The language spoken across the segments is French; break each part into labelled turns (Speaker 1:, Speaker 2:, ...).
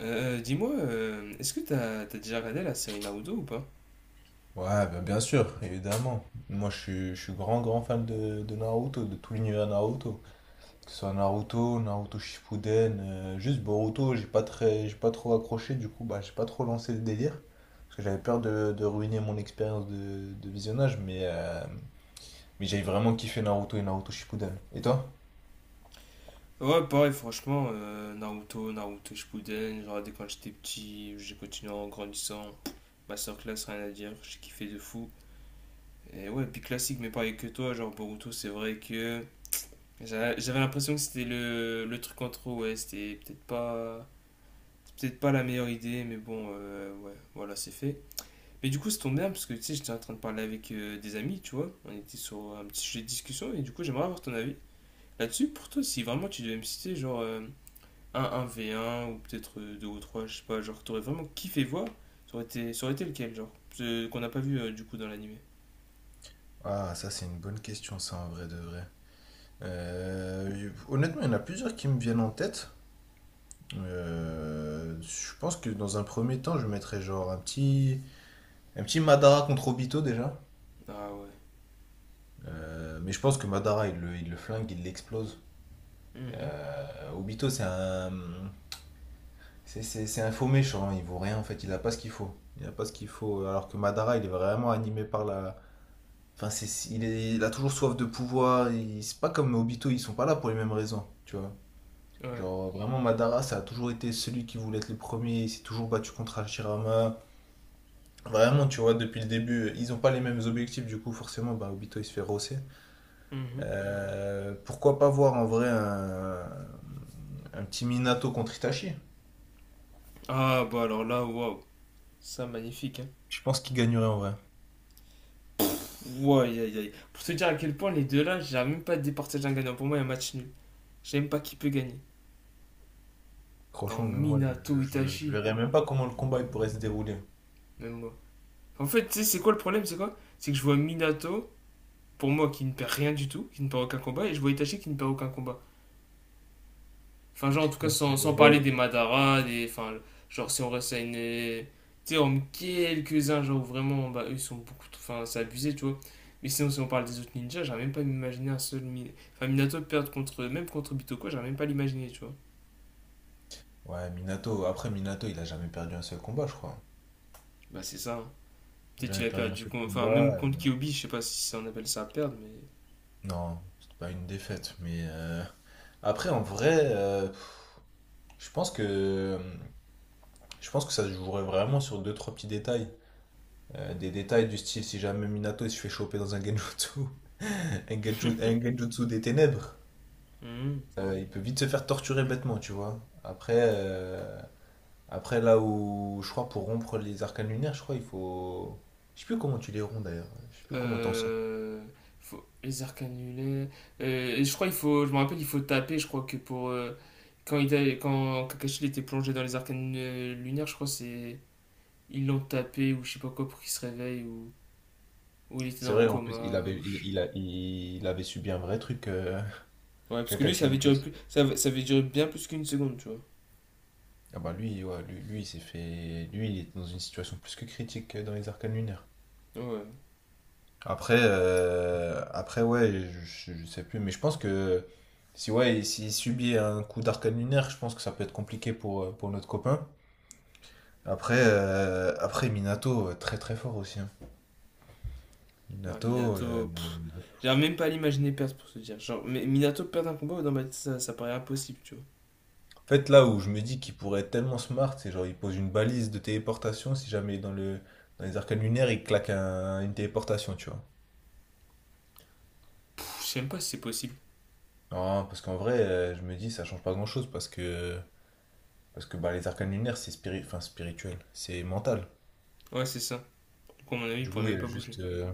Speaker 1: Dis-moi, est-ce que t'as déjà regardé la série Naruto ou pas?
Speaker 2: Ouais, bien, bien sûr, évidemment. Moi, je suis grand, grand fan de Naruto, de tout l'univers Naruto. Que ce soit Naruto, Naruto Shippuden, juste Boruto, j'ai pas trop accroché, du coup, bah, j'ai pas trop lancé le délire. Parce que j'avais peur de ruiner mon expérience de visionnage, mais j'ai vraiment kiffé Naruto et Naruto Shippuden. Et toi?
Speaker 1: Ouais, pareil, franchement, Naruto, Naruto Shippuden, j'ai regardé quand j'étais petit, j'ai continué en grandissant. Ma classe rien à dire, j'ai kiffé de fou. Et ouais, puis classique, mais pareil que toi, genre Boruto, c'est vrai que j'avais l'impression que c'était le truc en trop, ouais, c'était peut-être pas, c'est peut-être pas la meilleure idée, mais bon, ouais, voilà, c'est fait. Mais du coup, ça tombe bien, parce que tu sais, j'étais en train de parler avec des amis, tu vois, on était sur un petit sujet de discussion, et du coup, j'aimerais avoir ton avis. Là-dessus, pour toi, si vraiment tu devais me citer genre un 1 v un ou peut-être 2 ou 3 je sais pas, genre t'aurais vraiment kiffé voir, ça aurait été lequel, genre, ce qu'on n'a pas vu du coup dans l'animé.
Speaker 2: Ah, ça, c'est une bonne question, ça, en vrai de vrai. Honnêtement, il y en a plusieurs qui me viennent en tête. Je pense que dans un premier temps, je mettrais un petit Madara contre Obito déjà.
Speaker 1: Ah ouais.
Speaker 2: Mais je pense que Madara, il le flingue, il l'explose.
Speaker 1: Mhm.
Speaker 2: Obito, c'est un faux méchant, hein, il vaut rien en fait, il a pas ce qu'il faut. Il a pas ce qu'il faut. Alors que Madara, il est vraiment animé par la. Enfin, il a toujours soif de pouvoir. C'est pas comme Obito, ils sont pas là pour les mêmes raisons, tu vois.
Speaker 1: Ouais.
Speaker 2: Genre, vraiment, Madara, ça a toujours été celui qui voulait être le premier. Il s'est toujours battu contre Hashirama. Vraiment, tu vois, depuis le début, ils n'ont pas les mêmes objectifs, du coup, forcément, bah, Obito, il se fait rosser.
Speaker 1: Mhm.
Speaker 2: Pourquoi pas voir en vrai un petit Minato contre Itachi?
Speaker 1: Ah bah alors là, waouh. Ça, magnifique, hein.
Speaker 2: Je pense qu'il gagnerait en vrai.
Speaker 1: Ouah, aïe, aïe, aïe. Pour te dire à quel point les deux là, j'arrive même pas à départager un gagnant. Pour moi, il y a un match nul. Je sais même pas qui peut gagner. Non,
Speaker 2: Franchement, mais moi,
Speaker 1: Minato,
Speaker 2: je
Speaker 1: Itachi,
Speaker 2: verrais même pas comment le combat il pourrait se dérouler.
Speaker 1: même moi. En fait, tu sais, c'est quoi le problème, c'est quoi? C'est que je vois Minato pour moi, qui ne perd rien du tout, qui ne perd aucun combat, et je vois Itachi qui ne perd aucun combat. Enfin, genre, en tout cas,
Speaker 2: Donc,
Speaker 1: sans parler des
Speaker 2: ouais.
Speaker 1: Madara, des. Enfin, genre, si on reste à une. Tu sais, on met quelques-uns, genre, où vraiment, bah, eux, ils sont beaucoup. Enfin, c'est abusé, tu vois. Mais sinon, si on parle des autres ninjas, j'arrive même pas à m'imaginer un seul. Enfin, Minato perdre contre. Même contre Bitoko, j'arrive même pas à l'imaginer, tu vois.
Speaker 2: Ouais, Minato, après Minato, il a jamais perdu un seul combat, je crois.
Speaker 1: Bah, c'est ça, hein.
Speaker 2: Il a
Speaker 1: Peut-être
Speaker 2: jamais
Speaker 1: qu'il a
Speaker 2: perdu un
Speaker 1: perdu.
Speaker 2: seul
Speaker 1: Enfin,
Speaker 2: combat.
Speaker 1: même contre Kyobi, je sais pas si on appelle ça à perdre, mais.
Speaker 2: Non, c'était pas une défaite, mais après, en vrai, je pense que je pense que ça se jouerait vraiment sur deux, trois petits détails. Des détails du style si jamais Minato il se fait choper dans un genjutsu, un genjutsu des ténèbres,
Speaker 1: Mhm.
Speaker 2: il peut vite se faire torturer bêtement, tu vois. Après, après là où je crois pour rompre les arcanes lunaires, je crois il faut, je sais plus comment tu les romps d'ailleurs, je sais plus comment t'en sors.
Speaker 1: Euh, faut, les arcs annulés. Et je crois il faut, je me rappelle, il faut taper. Je crois que pour quand quand Kakashi il était plongé dans les arcs lunaires, je crois c'est ils l'ont tapé ou je sais pas quoi pour qu'il se réveille ou il était dans
Speaker 2: C'est
Speaker 1: le
Speaker 2: vrai, en plus il
Speaker 1: coma.
Speaker 2: avait, il avait subi un vrai truc,
Speaker 1: Ouais, parce que lui ça
Speaker 2: Kakashi en
Speaker 1: avait duré
Speaker 2: plus.
Speaker 1: plus, ça avait duré bien plus qu'une seconde, tu vois.
Speaker 2: Ah bah lui, ouais, lui, il s'est fait, lui il est dans une situation plus que critique dans les arcanes lunaires.
Speaker 1: Ouais.
Speaker 2: Après, après ouais, je sais plus, mais je pense que si ouais, s'il subit un coup d'arcane lunaire, je pense que ça peut être compliqué pour notre copain. Après, après Minato, très très fort aussi. Hein.
Speaker 1: Ouais,
Speaker 2: Minato,
Speaker 1: Minato, pff, j'arrive même pas à l'imaginer perdre pour se dire. Genre, mais Minato perdre un combat, dans ma tête, ça paraît impossible, tu vois.
Speaker 2: en fait, là où je me dis qu'il pourrait être tellement smart, c'est genre il pose une balise de téléportation, si jamais dans le, dans les arcanes lunaires, il claque une téléportation, tu vois.
Speaker 1: Pff, je sais même pas si c'est possible.
Speaker 2: Non, parce qu'en vrai, je me dis, ça change pas grand-chose, parce que bah, les arcanes lunaires, enfin, spirituel, c'est mental.
Speaker 1: Ouais, c'est ça. Du coup, à mon avis, il
Speaker 2: Du
Speaker 1: pourrait
Speaker 2: coup, il y
Speaker 1: même
Speaker 2: a
Speaker 1: pas bouger.
Speaker 2: juste.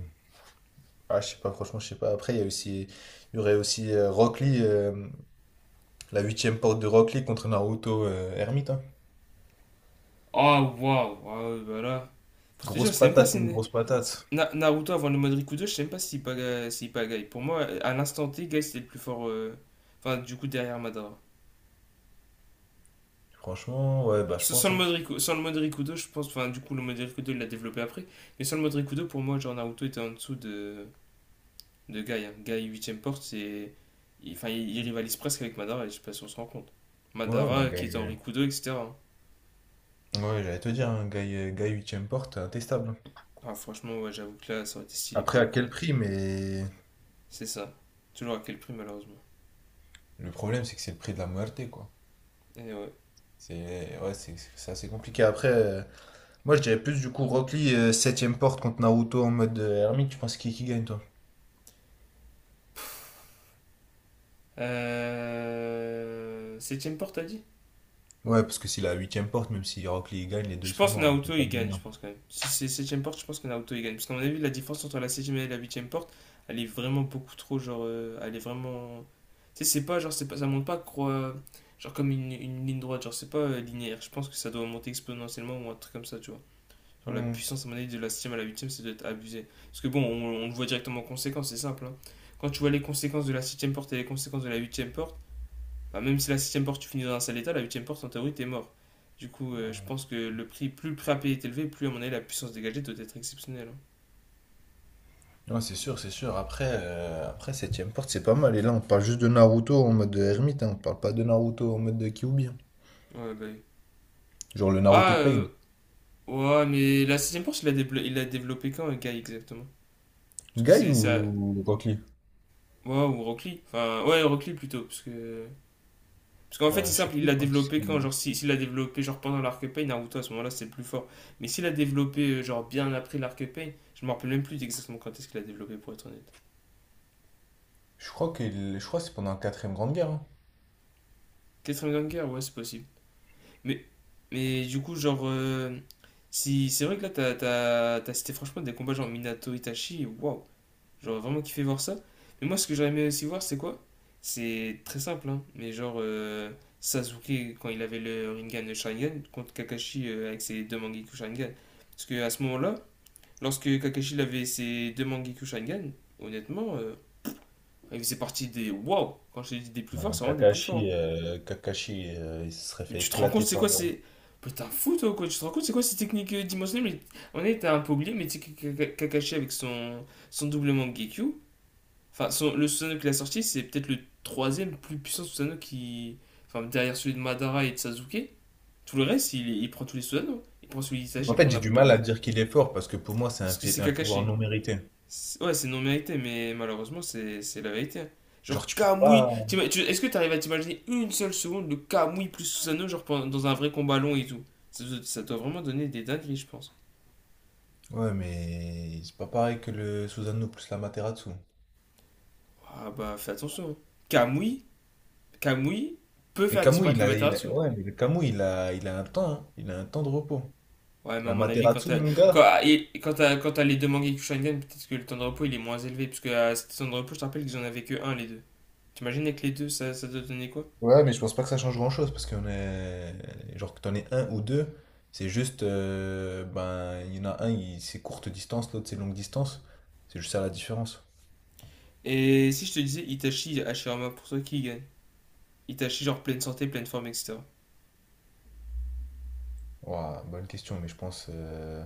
Speaker 2: Ah, je sais pas, franchement, je sais pas. Après, il y a aussi, il y aurait aussi Rock Lee, la huitième porte de Rock Lee contre Naruto Hermite. Hein.
Speaker 1: Ah, waouh! Ah, ouais, bah là. Pour te dire,
Speaker 2: Grosse
Speaker 1: je sais même pas
Speaker 2: patate
Speaker 1: si.
Speaker 2: contre grosse patate.
Speaker 1: Naruto avant le mode Rikudo, je sais même pas s'il pagaille. S'il pagaille. Pour moi, à l'instant T, Guy c'était le plus fort. Enfin, du coup, derrière Madara.
Speaker 2: Franchement, ouais, bah je
Speaker 1: Sans
Speaker 2: pense.
Speaker 1: le
Speaker 2: Hein.
Speaker 1: mode Riku- sans le mode Rikudo, je pense. Enfin, du coup, le mode Rikudo, il l'a développé après. Mais sans le mode Rikudo, pour moi, genre Naruto était en dessous de Guy. Hein. Guy 8 porte, c'est. Enfin, il rivalise presque avec Madara, et je sais pas si on se rend compte.
Speaker 2: Ouais, bah
Speaker 1: Madara
Speaker 2: Guy,
Speaker 1: qui était en Rikudo, etc.
Speaker 2: ouais, j'allais te dire, hein, Guy, Guy huitième porte, intestable.
Speaker 1: Ah, franchement, ouais, j'avoue que là, ça aurait été stylé pour
Speaker 2: Après,
Speaker 1: le
Speaker 2: à
Speaker 1: coup, hein.
Speaker 2: quel prix? Mais
Speaker 1: C'est ça. Toujours à quel prix, malheureusement.
Speaker 2: le problème, c'est que c'est le prix de la muerte, quoi.
Speaker 1: Et ouais.
Speaker 2: C'est ouais, c'est assez compliqué. Après, moi, je dirais plus du coup Rock Lee, septième porte contre Naruto en mode Hermite. Tu penses qui gagne, toi?
Speaker 1: Septième porte, t'as dit?
Speaker 2: Ouais, parce que si la huitième porte, même si Rock Lee gagne, les deux
Speaker 1: Je
Speaker 2: ils sont
Speaker 1: pense que
Speaker 2: morts, donc il
Speaker 1: Naoto
Speaker 2: n'y a pas
Speaker 1: il
Speaker 2: de
Speaker 1: gagne,
Speaker 2: gagnant.
Speaker 1: je pense quand même. Si c'est septième porte, je pense que Naoto il gagne. Parce qu'à mon avis, la différence entre la septième et la huitième porte, elle est vraiment beaucoup trop, genre, elle est vraiment. Tu sais, c'est pas, genre, c'est pas, ça monte pas, genre, comme une ligne droite, genre, c'est pas linéaire. Je pense que ça doit monter exponentiellement ou un truc comme ça, tu vois. Genre, la
Speaker 2: Hmm.
Speaker 1: puissance, à mon avis, de la septième à la huitième, ça doit être abusé. Parce que bon, on le voit directement en conséquence, c'est simple, hein. Quand tu vois les conséquences de la septième porte et les conséquences de la huitième porte, bah, même si la septième porte, tu finis dans un sale état, la huitième porte, en théorie, t'es mort. Du coup, je pense que le prix, plus le prix à payer est élevé, plus à mon avis la puissance dégagée doit être exceptionnelle, hein.
Speaker 2: Non, c'est sûr, c'est sûr. Après, après, septième porte, c'est pas mal. Et là, on parle juste de Naruto en mode ermite, hein. On parle pas de Naruto en mode de Kyuubi. Hein.
Speaker 1: Ouais, bah oui.
Speaker 2: Genre le Naruto
Speaker 1: Ah,
Speaker 2: de Pain.
Speaker 1: ouais, mais la sixième porte il l'a développé quand, Guy, exactement. Parce que
Speaker 2: Guy
Speaker 1: c'est ça.
Speaker 2: ou Rock Lee?
Speaker 1: Ouais, ou Rockly. Enfin, ouais, Rockly plutôt, parce que. Parce qu'en fait, c'est
Speaker 2: Je sais
Speaker 1: simple, il
Speaker 2: plus
Speaker 1: l'a
Speaker 2: quand est-ce
Speaker 1: développé quand,
Speaker 2: qu'il
Speaker 1: genre, s'il si- s'il l'a développé, genre, pendant l'Arc Pain, Naruto, à ce moment-là, c'est le plus fort. Mais s'il l'a développé, genre, bien après l'Arc Pain, je me rappelle même plus exactement quand est-ce qu'il l'a développé, pour être honnête.
Speaker 2: je crois que je crois que c'est pendant la quatrième grande guerre. Hein.
Speaker 1: Quatrième Ganger, ouais, c'est possible. Mais, mais du coup, genre, si c'est vrai que là, t'as cité franchement des combats genre Minato Itachi, waouh, j'aurais vraiment kiffé voir ça. Mais moi, ce que j'aurais aimé aussi voir, c'est quoi? C'est très simple, hein, mais genre Sasuke quand il avait le Rinnegan le Sharingan contre Kakashi avec ses deux Mangekyou Sharingan. Parce que à ce moment-là, lorsque Kakashi il avait ses deux Mangekyou Sharingan, honnêtement, il faisait partie des waouh, quand je te dis des plus forts,
Speaker 2: Non,
Speaker 1: c'est vraiment des plus
Speaker 2: Kakashi,
Speaker 1: forts.
Speaker 2: Kakashi il se serait
Speaker 1: Mais
Speaker 2: fait
Speaker 1: tu te rends compte,
Speaker 2: éclater
Speaker 1: c'est quoi
Speaker 2: par.
Speaker 1: c'est. Putain, fou toi, quoi. Tu te rends compte, c'est quoi ces techniques dimensionnelles mais… On était un peu oublié, mais tu Kakashi avec son double Mangekyu. Enfin, son… le Susanoo qu'il a sorti, c'est peut-être le troisième plus puissant Susanoo qui. Enfin, derrière celui de Madara et de Sasuke. Tout le reste, il prend tous les Susanoo. Il prend celui
Speaker 2: En
Speaker 1: d'Itachi, il
Speaker 2: fait,
Speaker 1: prend
Speaker 2: j'ai du
Speaker 1: n'importe
Speaker 2: mal
Speaker 1: lequel.
Speaker 2: à dire qu'il est fort parce que pour moi,
Speaker 1: Parce que c'est
Speaker 2: un pouvoir
Speaker 1: Kakashi.
Speaker 2: non mérité.
Speaker 1: Ouais, c'est non mérité, mais malheureusement, c'est la vérité.
Speaker 2: Genre,
Speaker 1: Genre,
Speaker 2: tu peux
Speaker 1: Kamui.
Speaker 2: pas.
Speaker 1: Est-ce que tu arrives à t'imaginer une seule seconde de Kamui plus Susanoo, genre dans un vrai combat long et tout? Ça doit vraiment donner des dingueries, je pense.
Speaker 2: Ouais, mais c'est pas pareil que le Susano plus la Materazzo.
Speaker 1: Ah bah, fais attention, hein. Kamui, Kamui peut
Speaker 2: Mais
Speaker 1: faire
Speaker 2: Camus,
Speaker 1: disparaître la Materasu.
Speaker 2: ouais, mais le Camus, il a un temps, hein. Il a un temps de repos.
Speaker 1: Ouais, mais à
Speaker 2: La
Speaker 1: mon avis, quand
Speaker 2: Materazzo,
Speaker 1: t'as
Speaker 2: mon
Speaker 1: quand,
Speaker 2: gars.
Speaker 1: et- quand t'as les deux mangas Kyokushingen, peut-être que le temps de repos il est moins élevé, puisque à ce temps de repos, je te rappelle qu'ils en avaient que un, les deux. T'imagines avec les deux, ça doit donner quoi?
Speaker 2: Ouais, mais je pense pas que ça change grand-chose parce qu'on est, genre que t'en aies un ou deux, c'est juste, ben, il y en a un, c'est courte distance, l'autre c'est longue distance. C'est juste ça la différence.
Speaker 1: Et si je te disais Itachi, Hashirama, pour toi, qui gagne? Itachi, genre pleine santé, pleine forme, etc.
Speaker 2: Ouah, bonne question, mais je pense,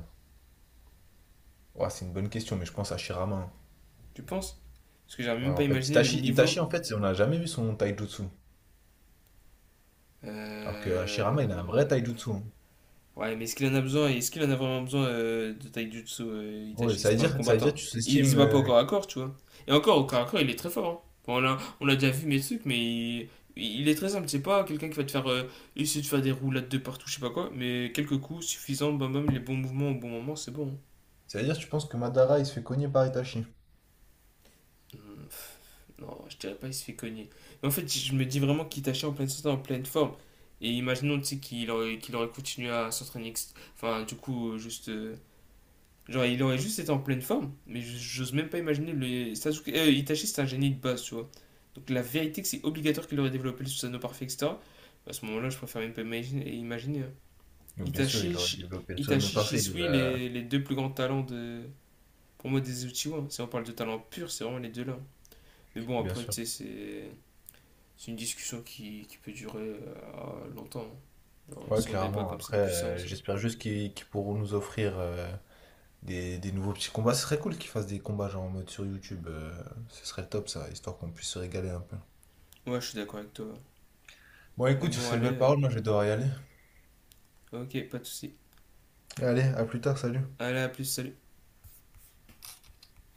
Speaker 2: ouah, c'est une bonne question, mais je pense à Shirama. Hein.
Speaker 1: Tu penses? Parce que j'arrive
Speaker 2: Ouais,
Speaker 1: même pas à
Speaker 2: en fait,
Speaker 1: imaginer le
Speaker 2: Itachi,
Speaker 1: niveau.
Speaker 2: Itachi, en fait, on n'a jamais vu son taijutsu. Alors que Hashirama, il a un vrai
Speaker 1: Euh...
Speaker 2: taijutsu. Hein.
Speaker 1: Ouais, mais est-ce qu'il en a besoin? Est-ce qu'il en a vraiment besoin de Taijutsu
Speaker 2: Ouais,
Speaker 1: Itachi. C'est pas un
Speaker 2: ça veut dire
Speaker 1: combattant.
Speaker 2: que tu
Speaker 1: Il se
Speaker 2: sous-estimes,
Speaker 1: bat pas au corps à corps, tu vois. Et encore, au corps à corps, il est très fort, hein. Bon, on a déjà vu mes trucs, mais il est très simple. C'est pas quelqu'un qui va te faire essayer de faire des roulades de partout, je sais pas quoi. Mais quelques coups suffisants, bam bam, les bons mouvements au bon moment, c'est bon,
Speaker 2: ça veut dire que tu penses que Madara il se fait cogner par Itachi.
Speaker 1: hein. Non, je dirais pas il se fait cogner. Mais en fait, je me dis vraiment qu'il tâchait en pleine santé, en pleine forme. Et imaginons, tu sais, qu'il aurait continué à s'entraîner. Enfin, du coup, juste. Genre, il aurait juste été en pleine forme. Mais j'ose même pas imaginer le. Sasuke. Itachi, c'est un génie de base, tu vois. Donc, la vérité, que c'est obligatoire qu'il aurait développé le Susanoo parfait, etc. À ce moment-là, je préfère même pas imaginer. Hein.
Speaker 2: Donc bien sûr, il
Speaker 1: Itachi,
Speaker 2: aurait
Speaker 1: Shi-
Speaker 2: développé le Susanoo
Speaker 1: Itachi,
Speaker 2: parfait,
Speaker 1: Shisui, les deux plus grands talents de. Pour moi, des Uchiwa, hein. Si on parle de talent pur, c'est vraiment les deux-là, hein. Mais bon,
Speaker 2: bien
Speaker 1: après,
Speaker 2: sûr.
Speaker 1: tu sais, c'est une discussion qui peut durer longtemps. Genre,
Speaker 2: Ouais,
Speaker 1: si on débat
Speaker 2: clairement.
Speaker 1: comme ça
Speaker 2: Après,
Speaker 1: de puissance.
Speaker 2: j'espère juste qu'ils pourront nous offrir des nouveaux petits combats. Ce serait cool qu'ils fassent des combats genre en mode sur YouTube. Ce serait top ça, histoire qu'on puisse se régaler un peu.
Speaker 1: Ouais, je suis d'accord avec toi.
Speaker 2: Bon,
Speaker 1: Mais
Speaker 2: écoute, sur
Speaker 1: bon,
Speaker 2: ces
Speaker 1: allez,
Speaker 2: belles paroles, moi je vais devoir y aller.
Speaker 1: ok, pas de soucis.
Speaker 2: Allez, à plus tard, salut.
Speaker 1: Allez, à plus, salut.